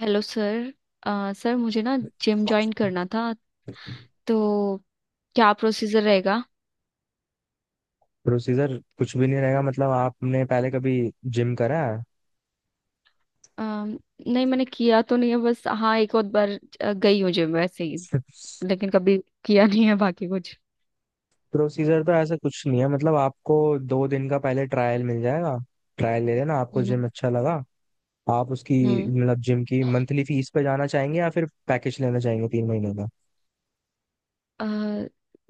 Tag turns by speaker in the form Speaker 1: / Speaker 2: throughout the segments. Speaker 1: Hello sir. Sir मुझे ना gym join करना था, तो क्या प्रोसीजर रहेगा?
Speaker 2: प्रोसीजर कुछ भी नहीं रहेगा। मतलब आपने पहले कभी जिम करा है?
Speaker 1: अम, नहीं, मैंने किया तो नहीं है, बस हाँ, एक और बार गई हूँ जिम वैसे ही। लेकिन कभी किया नहीं है बाकी कुछ।
Speaker 2: प्रोसीजर तो ऐसा कुछ नहीं है। मतलब आपको 2 दिन का पहले ट्रायल मिल जाएगा। ट्रायल ले लेना, आपको जिम
Speaker 1: हम्म।
Speaker 2: अच्छा लगा आप उसकी
Speaker 1: हम्म।
Speaker 2: मतलब जिम की मंथली फीस पे जाना चाहेंगे या फिर पैकेज लेना चाहेंगे 3 महीने का।
Speaker 1: अ,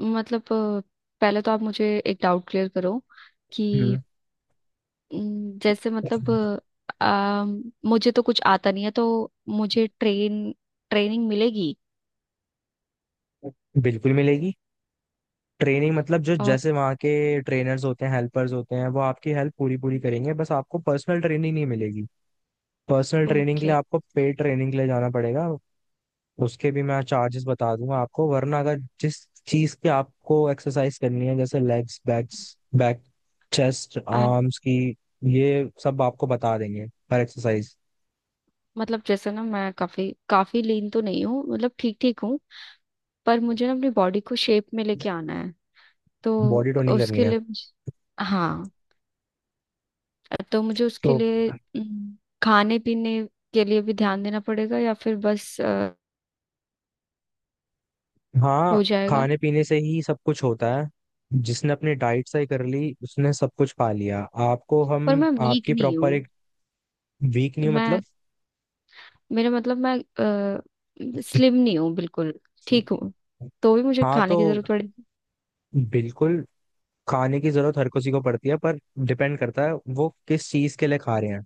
Speaker 1: मतलब पहले तो आप मुझे एक डाउट क्लियर करो
Speaker 2: हम्म।
Speaker 1: कि न, जैसे मतलब अम, मुझे तो कुछ आता नहीं है, तो मुझे ट्रेनिंग मिलेगी?
Speaker 2: बिल्कुल मिलेगी। ट्रेनिंग मतलब जो
Speaker 1: और
Speaker 2: जैसे वहाँ के ट्रेनर्स होते हैं, हेल्पर्स होते हैं, वो आपकी हेल्प पूरी पूरी करेंगे, बस आपको पर्सनल ट्रेनिंग नहीं मिलेगी। पर्सनल ट्रेनिंग के
Speaker 1: ओके।
Speaker 2: लिए आपको पेड ट्रेनिंग के लिए जाना पड़ेगा। उसके भी मैं चार्जेस बता दूंगा आपको, वरना अगर जिस चीज की आपको एक्सरसाइज करनी है जैसे legs backs back chest arms की, ये सब आपको बता देंगे हर एक्सरसाइज।
Speaker 1: मतलब जैसे ना, मैं काफी काफी लीन तो नहीं हूँ, मतलब ठीक ठीक हूँ। पर मुझे ना अपनी बॉडी को शेप में लेके आना है, तो
Speaker 2: बॉडी टोनिंग करनी
Speaker 1: उसके
Speaker 2: है
Speaker 1: लिए हाँ, तो मुझे उसके
Speaker 2: तो?
Speaker 1: लिए हम्म, खाने पीने के लिए भी ध्यान देना पड़ेगा, या फिर बस हो
Speaker 2: हाँ,
Speaker 1: जाएगा?
Speaker 2: खाने पीने से ही सब कुछ होता है। जिसने अपनी डाइट सही कर ली उसने सब कुछ पा लिया। आपको
Speaker 1: पर
Speaker 2: हम
Speaker 1: मैं वीक
Speaker 2: आपकी
Speaker 1: नहीं
Speaker 2: प्रॉपर
Speaker 1: हूँ।
Speaker 2: एक वीक नहीं
Speaker 1: मैं
Speaker 2: मतलब?
Speaker 1: मेरा मतलब, मैं स्लिम नहीं हूँ बिल्कुल, ठीक हूँ। तो भी मुझे
Speaker 2: हाँ तो
Speaker 1: खाने की जरूरत पड़ेगी?
Speaker 2: बिल्कुल। खाने की जरूरत हर किसी को पड़ती है, पर डिपेंड करता है वो किस चीज के लिए खा रहे हैं।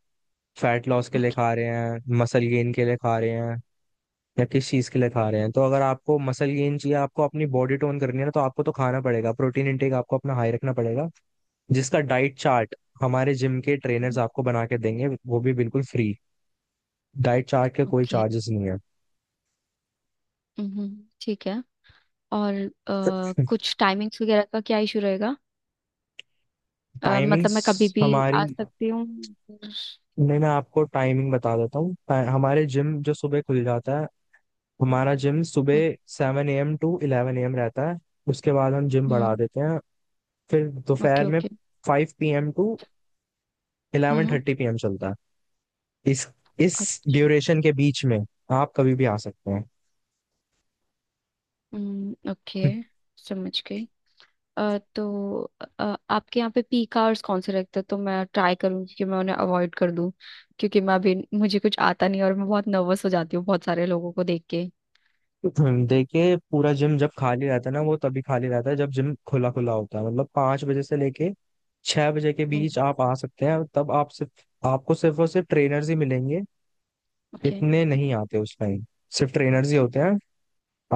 Speaker 2: फैट लॉस के लिए
Speaker 1: ओके।
Speaker 2: खा रहे हैं, मसल गेन के लिए खा रहे हैं, या किस चीज के लिए खा रहे हैं। तो अगर आपको मसल गेन चाहिए, आपको अपनी बॉडी टोन करनी है ना, तो आपको तो खाना पड़ेगा, प्रोटीन इंटेक आपको अपना हाई रखना पड़ेगा। जिसका डाइट चार्ट हमारे जिम के ट्रेनर्स आपको बना के देंगे, वो भी बिल्कुल फ्री, डाइट चार्ट के कोई
Speaker 1: ओके।
Speaker 2: चार्जेस नहीं है।
Speaker 1: ठीक है। और कुछ टाइमिंग्स वगैरह का क्या इशू रहेगा? मतलब
Speaker 2: टाइमिंग्स
Speaker 1: मैं कभी भी
Speaker 2: हमारी,
Speaker 1: आ सकती हूँ। हम्म।
Speaker 2: नहीं मैं आपको टाइमिंग बता देता हूँ हमारे जिम जो सुबह खुल जाता है। हमारा जिम सुबह 7 a.m. To 11 a.m. रहता है। उसके बाद हम जिम बढ़ा
Speaker 1: हम्म,
Speaker 2: देते हैं, फिर दोपहर
Speaker 1: ओके।
Speaker 2: में
Speaker 1: okay.
Speaker 2: 5 p.m. To eleven
Speaker 1: hmm.
Speaker 2: Thirty p m चलता है। इस इस ड्यूरेशन के बीच में आप कभी भी आ सकते हैं।
Speaker 1: हम्म। ओके। समझ गई। तो आपके यहाँ पे पीक आवर्स कौन से रहते हैं, तो मैं ट्राई करूंगी कि मैं उन्हें अवॉइड कर दूं। क्योंकि मैं अभी, मुझे कुछ आता नहीं, और मैं बहुत नर्वस हो जाती हूँ बहुत सारे लोगों को देख के।
Speaker 2: देखिए पूरा जिम जब खाली रहता है ना, वो तभी खाली रहता है जब जिम खुला खुला होता है। मतलब 5 बजे से लेके 6 बजे के
Speaker 1: हम्म।
Speaker 2: बीच आप आ सकते हैं, तब आप सिर्फ आपको सिर्फ और सिर्फ ट्रेनर्स ही मिलेंगे।
Speaker 1: ओके।
Speaker 2: इतने नहीं आते उस टाइम, सिर्फ ट्रेनर्स ही होते हैं।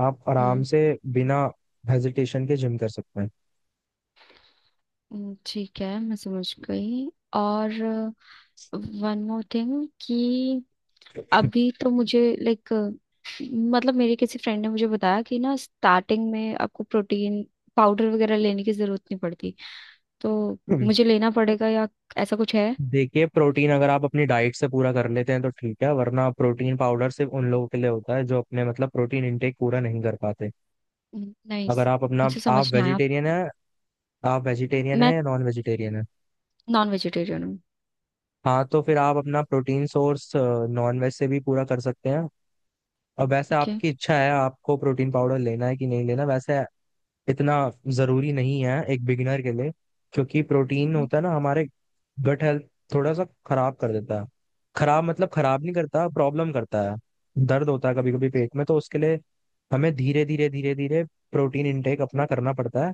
Speaker 2: आप आराम
Speaker 1: हम्म।
Speaker 2: से बिना हेजिटेशन के जिम कर सकते हैं।
Speaker 1: ठीक है, मैं समझ गई। और वन मोर थिंग कि अभी तो मुझे लाइक, मतलब मेरे किसी फ्रेंड ने मुझे बताया कि ना स्टार्टिंग में आपको प्रोटीन पाउडर वगैरह लेने की जरूरत नहीं पड़ती। तो
Speaker 2: हम्म।
Speaker 1: मुझे लेना पड़ेगा, या ऐसा कुछ है?
Speaker 2: देखिए, प्रोटीन अगर आप अपनी डाइट से पूरा कर लेते हैं तो ठीक है, वरना प्रोटीन पाउडर सिर्फ उन लोगों के लिए होता है जो अपने मतलब प्रोटीन इनटेक पूरा नहीं कर पाते।
Speaker 1: नहीं,
Speaker 2: अगर आप अपना,
Speaker 1: मुझे
Speaker 2: आप
Speaker 1: समझ नहीं आया।
Speaker 2: वेजिटेरियन है, आप वेजिटेरियन है
Speaker 1: मैं
Speaker 2: या नॉन वेजिटेरियन है?
Speaker 1: नॉन वेजिटेरियन हूँ।
Speaker 2: हाँ तो फिर आप अपना प्रोटीन सोर्स नॉन वेज से भी पूरा कर सकते हैं। और वैसे
Speaker 1: ओके।
Speaker 2: आपकी इच्छा है आपको प्रोटीन पाउडर लेना है कि नहीं लेना, वैसे इतना जरूरी नहीं है एक बिगिनर के लिए। क्योंकि प्रोटीन होता है ना हमारे गट हेल्थ थोड़ा सा खराब कर देता है, खराब मतलब खराब नहीं करता, प्रॉब्लम करता है। दर्द होता है कभी कभी पेट में, तो उसके लिए हमें धीरे धीरे धीरे धीरे प्रोटीन इनटेक अपना करना पड़ता है,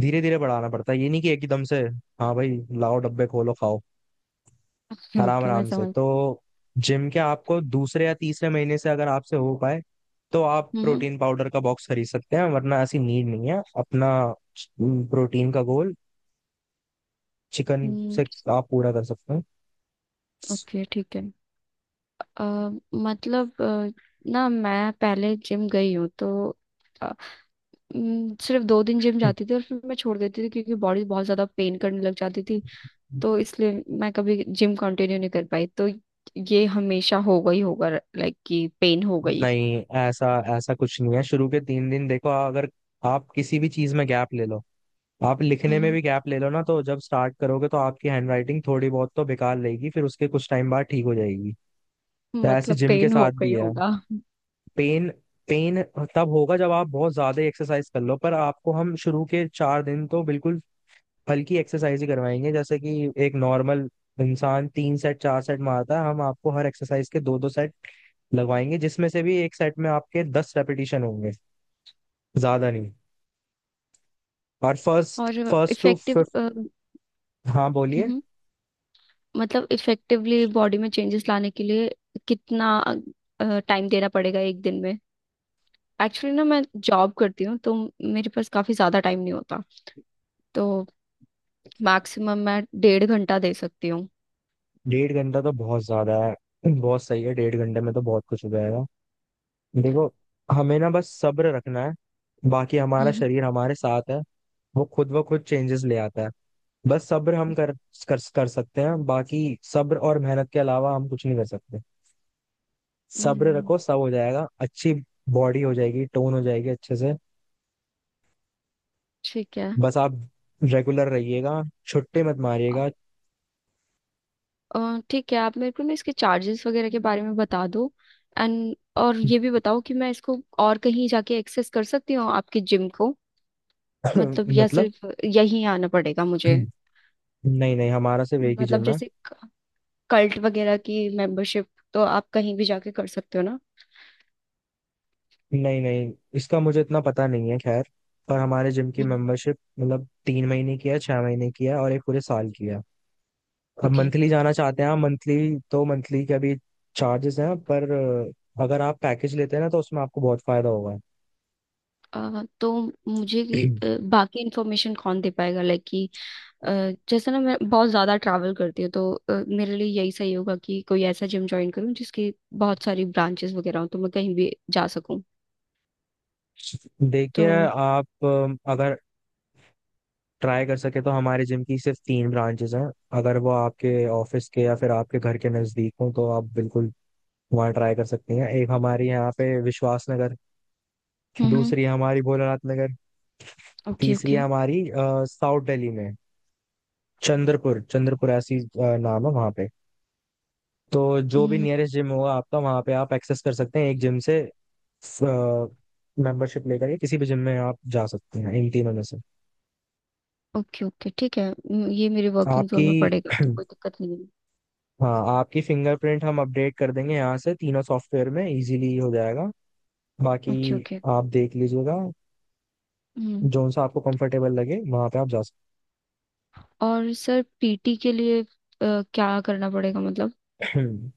Speaker 2: धीरे धीरे बढ़ाना पड़ता है, ये नहीं कि एकदम से हाँ भाई लाओ डब्बे खोलो खाओ। आराम
Speaker 1: ओके। मैं
Speaker 2: आराम से
Speaker 1: समझ
Speaker 2: तो जिम के आपको दूसरे या तीसरे महीने से, अगर आपसे हो पाए तो आप प्रोटीन पाउडर का बॉक्स खरीद सकते हैं, वरना ऐसी नीड नहीं है। अपना प्रोटीन का गोल चिकन
Speaker 1: हम्म।
Speaker 2: से आप पूरा कर सकते हैं।
Speaker 1: ओके। ठीक है। अ, मतलब ना मैं पहले जिम गई हूँ, तो अ, सिर्फ 2 दिन जिम जाती थी और फिर मैं छोड़ देती थी, क्योंकि बॉडी बहुत ज्यादा पेन करने लग जाती थी। तो इसलिए मैं कभी जिम कंटिन्यू नहीं कर पाई। तो ये हमेशा होगा ही होगा, लाइक कि पेन हो गई?
Speaker 2: नहीं, ऐसा ऐसा कुछ नहीं है। शुरू के 3 दिन देखो, अगर आप किसी भी चीज में गैप ले लो, आप लिखने में
Speaker 1: हम्म।
Speaker 2: भी गैप ले लो ना, तो जब स्टार्ट करोगे तो आपकी हैंडराइटिंग थोड़ी बहुत तो बेकार रहेगी, फिर उसके कुछ टाइम बाद ठीक हो जाएगी। तो ऐसे
Speaker 1: मतलब
Speaker 2: जिम के
Speaker 1: पेन हो
Speaker 2: साथ
Speaker 1: गई
Speaker 2: भी है।
Speaker 1: होगा।
Speaker 2: पेन पेन तब होगा जब आप बहुत ज्यादा एक्सरसाइज कर लो, पर आपको हम शुरू के 4 दिन तो बिल्कुल हल्की एक्सरसाइज ही करवाएंगे। जैसे कि एक नॉर्मल इंसान 3 सेट 4 सेट मारता है, हम आपको हर एक्सरसाइज के दो दो सेट लगवाएंगे, जिसमें से भी एक सेट में आपके 10 रेपिटेशन होंगे, ज्यादा नहीं। और फर्स्ट
Speaker 1: और
Speaker 2: फर्स्ट टू
Speaker 1: इफेक्टिव
Speaker 2: फिफ्थ। हाँ बोलिए।
Speaker 1: मतलब इफेक्टिवली बॉडी में चेंजेस लाने के लिए कितना टाइम देना पड़ेगा एक दिन में? एक्चुअली ना, मैं जॉब करती हूँ, तो मेरे पास काफी ज्यादा टाइम नहीं होता। तो मैक्सिमम मैं 1.5 घंटा दे सकती हूँ।
Speaker 2: डेढ़ घंटा तो बहुत ज्यादा है, बहुत सही है। डेढ़ घंटे में तो बहुत कुछ हो जाएगा। देखो, हमें ना बस सब्र रखना है, बाकी हमारा
Speaker 1: हम्म।
Speaker 2: शरीर हमारे साथ है, वो खुद ब खुद चेंजेस ले आता है। बस सब्र हम कर कर, कर सकते हैं। बाकी सब्र और मेहनत के अलावा हम कुछ नहीं कर सकते। सब्र
Speaker 1: हम्म,
Speaker 2: रखो सब हो जाएगा, अच्छी बॉडी हो जाएगी, टोन हो जाएगी अच्छे से।
Speaker 1: ठीक है।
Speaker 2: बस आप रेगुलर रहिएगा, छुट्टे मत मारिएगा।
Speaker 1: अ, ठीक है, आप मेरे को ना इसके चार्जेस वगैरह के बारे में बता दो। एंड और ये भी बताओ कि मैं इसको और कहीं जाके एक्सेस कर सकती हूँ आपके जिम को? मतलब या
Speaker 2: मतलब,
Speaker 1: सिर्फ यहीं आना पड़ेगा मुझे?
Speaker 2: नहीं नहीं, हमारा सिर्फ एक ही
Speaker 1: मतलब
Speaker 2: जिम है।
Speaker 1: जैसे कल्ट वगैरह की मेंबरशिप, तो आप कहीं भी जाके कर सकते हो ना।
Speaker 2: नहीं नहीं, इसका मुझे इतना पता नहीं है खैर। पर हमारे जिम की
Speaker 1: हम्म,
Speaker 2: मेंबरशिप मतलब 3 महीने की है, 6 महीने की है और एक पूरे साल की है। अब
Speaker 1: ओके।
Speaker 2: मंथली जाना चाहते हैं आप, मंथली तो मंथली के अभी चार्जेस हैं, पर अगर आप पैकेज लेते हैं ना, तो उसमें आपको बहुत फायदा होगा।
Speaker 1: तो मुझे बाकी इन्फॉर्मेशन कौन दे पाएगा? लाइक कि अ, जैसे ना, मैं बहुत ज़्यादा ट्रैवल करती हूँ, तो मेरे लिए यही सही होगा कि कोई ऐसा जिम ज्वाइन करूँ जिसकी बहुत सारी ब्रांचेस वगैरह हो, तो मैं कहीं भी जा सकूँ। तो
Speaker 2: देखिए आप, अगर ट्राई कर सके तो हमारे जिम की सिर्फ 3 ब्रांचेस हैं। अगर वो आपके ऑफिस के या फिर आपके घर के नजदीक हो तो आप बिल्कुल वहाँ ट्राई कर सकती हैं। एक हमारी यहाँ पे विश्वास नगर,
Speaker 1: हम्म।
Speaker 2: दूसरी है हमारी भोलानाथ नगर,
Speaker 1: ओके।
Speaker 2: तीसरी
Speaker 1: ओके।
Speaker 2: है हमारी साउथ दिल्ली में चंद्रपुर। चंद्रपुर ऐसी नाम है वहां पे। तो जो भी
Speaker 1: हम्म,
Speaker 2: नियरेस्ट जिम होगा आपका, वहां पे आप एक्सेस कर सकते हैं। एक जिम से मेंबरशिप लेकर के किसी भी जिम में आप जा सकते हैं इन तीनों में से।
Speaker 1: ओके। ओके, ठीक है। ये मेरे वर्किंग
Speaker 2: आपकी
Speaker 1: जोन में पड़ेगा, तो कोई दिक्कत नहीं है।
Speaker 2: हाँ, आपकी फिंगरप्रिंट हम अपडेट कर देंगे यहाँ से, तीनों सॉफ्टवेयर में इजीली हो जाएगा। बाकी
Speaker 1: ओके। ओके।
Speaker 2: आप देख लीजिएगा।
Speaker 1: हम्म।
Speaker 2: जो सा आपको कंफर्टेबल लगे वहां पे आप जा सकते
Speaker 1: और सर, पीटी के लिए क्या करना पड़ेगा, मतलब?
Speaker 2: हैं।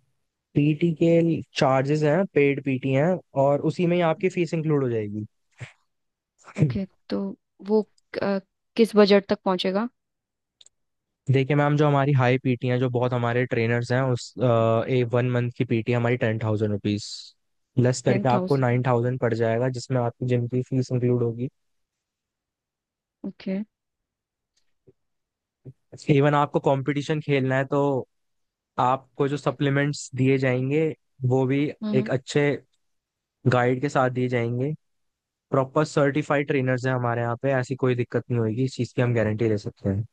Speaker 2: पीटी के चार्जेस हैं, पेड पीटी हैं और उसी में ही आपकी फीस इंक्लूड हो जाएगी।
Speaker 1: ओके, तो वो अ, किस बजट तक पहुंचेगा?
Speaker 2: देखिए मैम, जो हमारी हाई पीटी हैं जो बहुत हमारे ट्रेनर्स हैं उस ए वन मंथ की पीटी हमारी ₹10,000, लेस
Speaker 1: टेन
Speaker 2: करके आपको
Speaker 1: थाउजेंड
Speaker 2: 9,000 पड़ जाएगा, जिसमें आपकी जिम की फीस इंक्लूड होगी।
Speaker 1: ओके।
Speaker 2: इवन आपको कंपटीशन खेलना है तो आपको जो सप्लीमेंट्स दिए जाएंगे वो भी एक अच्छे गाइड के साथ दिए जाएंगे। प्रॉपर सर्टिफाइड ट्रेनर्स हैं हमारे यहाँ पे, ऐसी कोई दिक्कत नहीं होगी इस चीज़ की, हम गारंटी दे सकते हैं।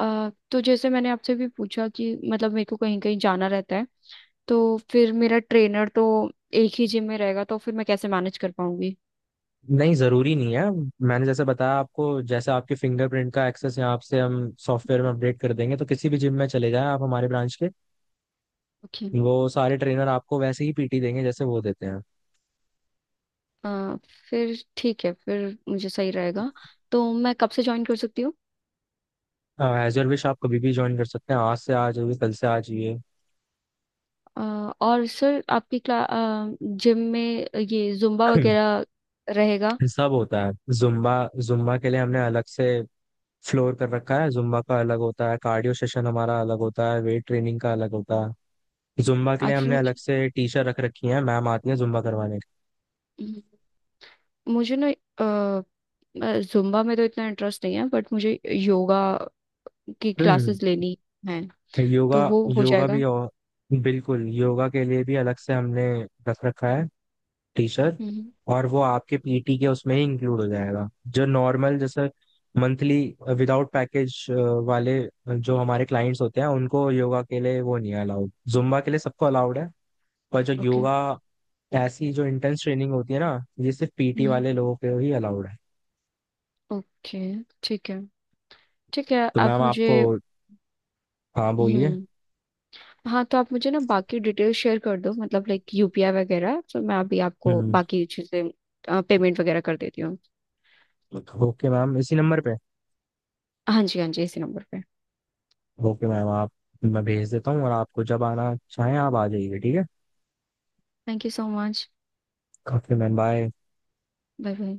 Speaker 1: तो जैसे मैंने आपसे भी पूछा कि मतलब मेरे को कहीं कहीं जाना रहता है, तो फिर मेरा ट्रेनर तो एक ही जिम में रहेगा, तो फिर मैं कैसे मैनेज कर पाऊंगी?
Speaker 2: नहीं, जरूरी नहीं है। मैंने जैसे बताया आपको, जैसे आपके फिंगरप्रिंट का एक्सेस यहाँ से हम सॉफ्टवेयर में अपडेट कर देंगे, तो किसी भी जिम में चले जाएं आप हमारे ब्रांच के,
Speaker 1: ओके।
Speaker 2: वो सारे ट्रेनर आपको वैसे ही पीटी देंगे जैसे वो देते हैं।
Speaker 1: अ, फिर ठीक है, फिर मुझे सही रहेगा। तो मैं कब से ज्वाइन कर सकती हूँ?
Speaker 2: एज योर विश, आप कभी भी ज्वाइन कर सकते हैं, आज से आ जाइए, कल से आ जाइए।
Speaker 1: अ, और सर, आपकी क्ला जिम में ये जुम्बा वगैरह रहेगा?
Speaker 2: सब होता है। जुम्बा जुम्बा के लिए हमने अलग से फ्लोर कर रखा है, जुम्बा का अलग होता है, कार्डियो सेशन हमारा अलग होता है, वेट ट्रेनिंग का अलग होता है। जुम्बा के लिए हमने
Speaker 1: एक्चुअली
Speaker 2: अलग से टीचर रख रखी है, मैम आती है जुम्बा करवाने।
Speaker 1: मुझे मुझे ना जुम्बा में तो इतना इंटरेस्ट नहीं है, बट मुझे योगा की क्लासेस लेनी है।
Speaker 2: योगा
Speaker 1: तो वो हो
Speaker 2: योगा भी,
Speaker 1: जाएगा?
Speaker 2: और बिल्कुल योगा के लिए भी अलग से हमने रख रखा है टीचर, और वो आपके पीटी के उसमें ही इंक्लूड हो जाएगा। जो नॉर्मल जैसे मंथली विदाउट पैकेज वाले जो हमारे क्लाइंट्स होते हैं उनको योगा के लिए वो नहीं है अलाउड, जुम्बा के लिए सबको अलाउड है। पर जो
Speaker 1: ओके।
Speaker 2: योगा, ऐसी जो इंटेंस ट्रेनिंग होती है ना, ये सिर्फ पीटी
Speaker 1: हम्म।
Speaker 2: वाले लोगों के ही अलाउड है।
Speaker 1: ओके, ठीक है। ठीक है,
Speaker 2: तो
Speaker 1: आप
Speaker 2: मैम
Speaker 1: मुझे...
Speaker 2: आपको, हाँ बोलिए।
Speaker 1: हम्म। हाँ, तो आप मुझे ना बाकी डिटेल शेयर कर दो, मतलब लाइक यूपीआई वगैरह, तो मैं अभी आपको
Speaker 2: हम्म।
Speaker 1: बाकी चीज़ें पेमेंट वगैरह कर देती हूँ।
Speaker 2: ओके मैम, इसी नंबर पे।
Speaker 1: हाँ जी, हाँ जी, इसी नंबर पे।
Speaker 2: ओके मैम आप, मैं भेज देता हूँ, और आपको जब आना चाहें आप आ जाइए, ठीक है।
Speaker 1: Thank you so much.
Speaker 2: Okay ma'am, bye.
Speaker 1: Bye, bye.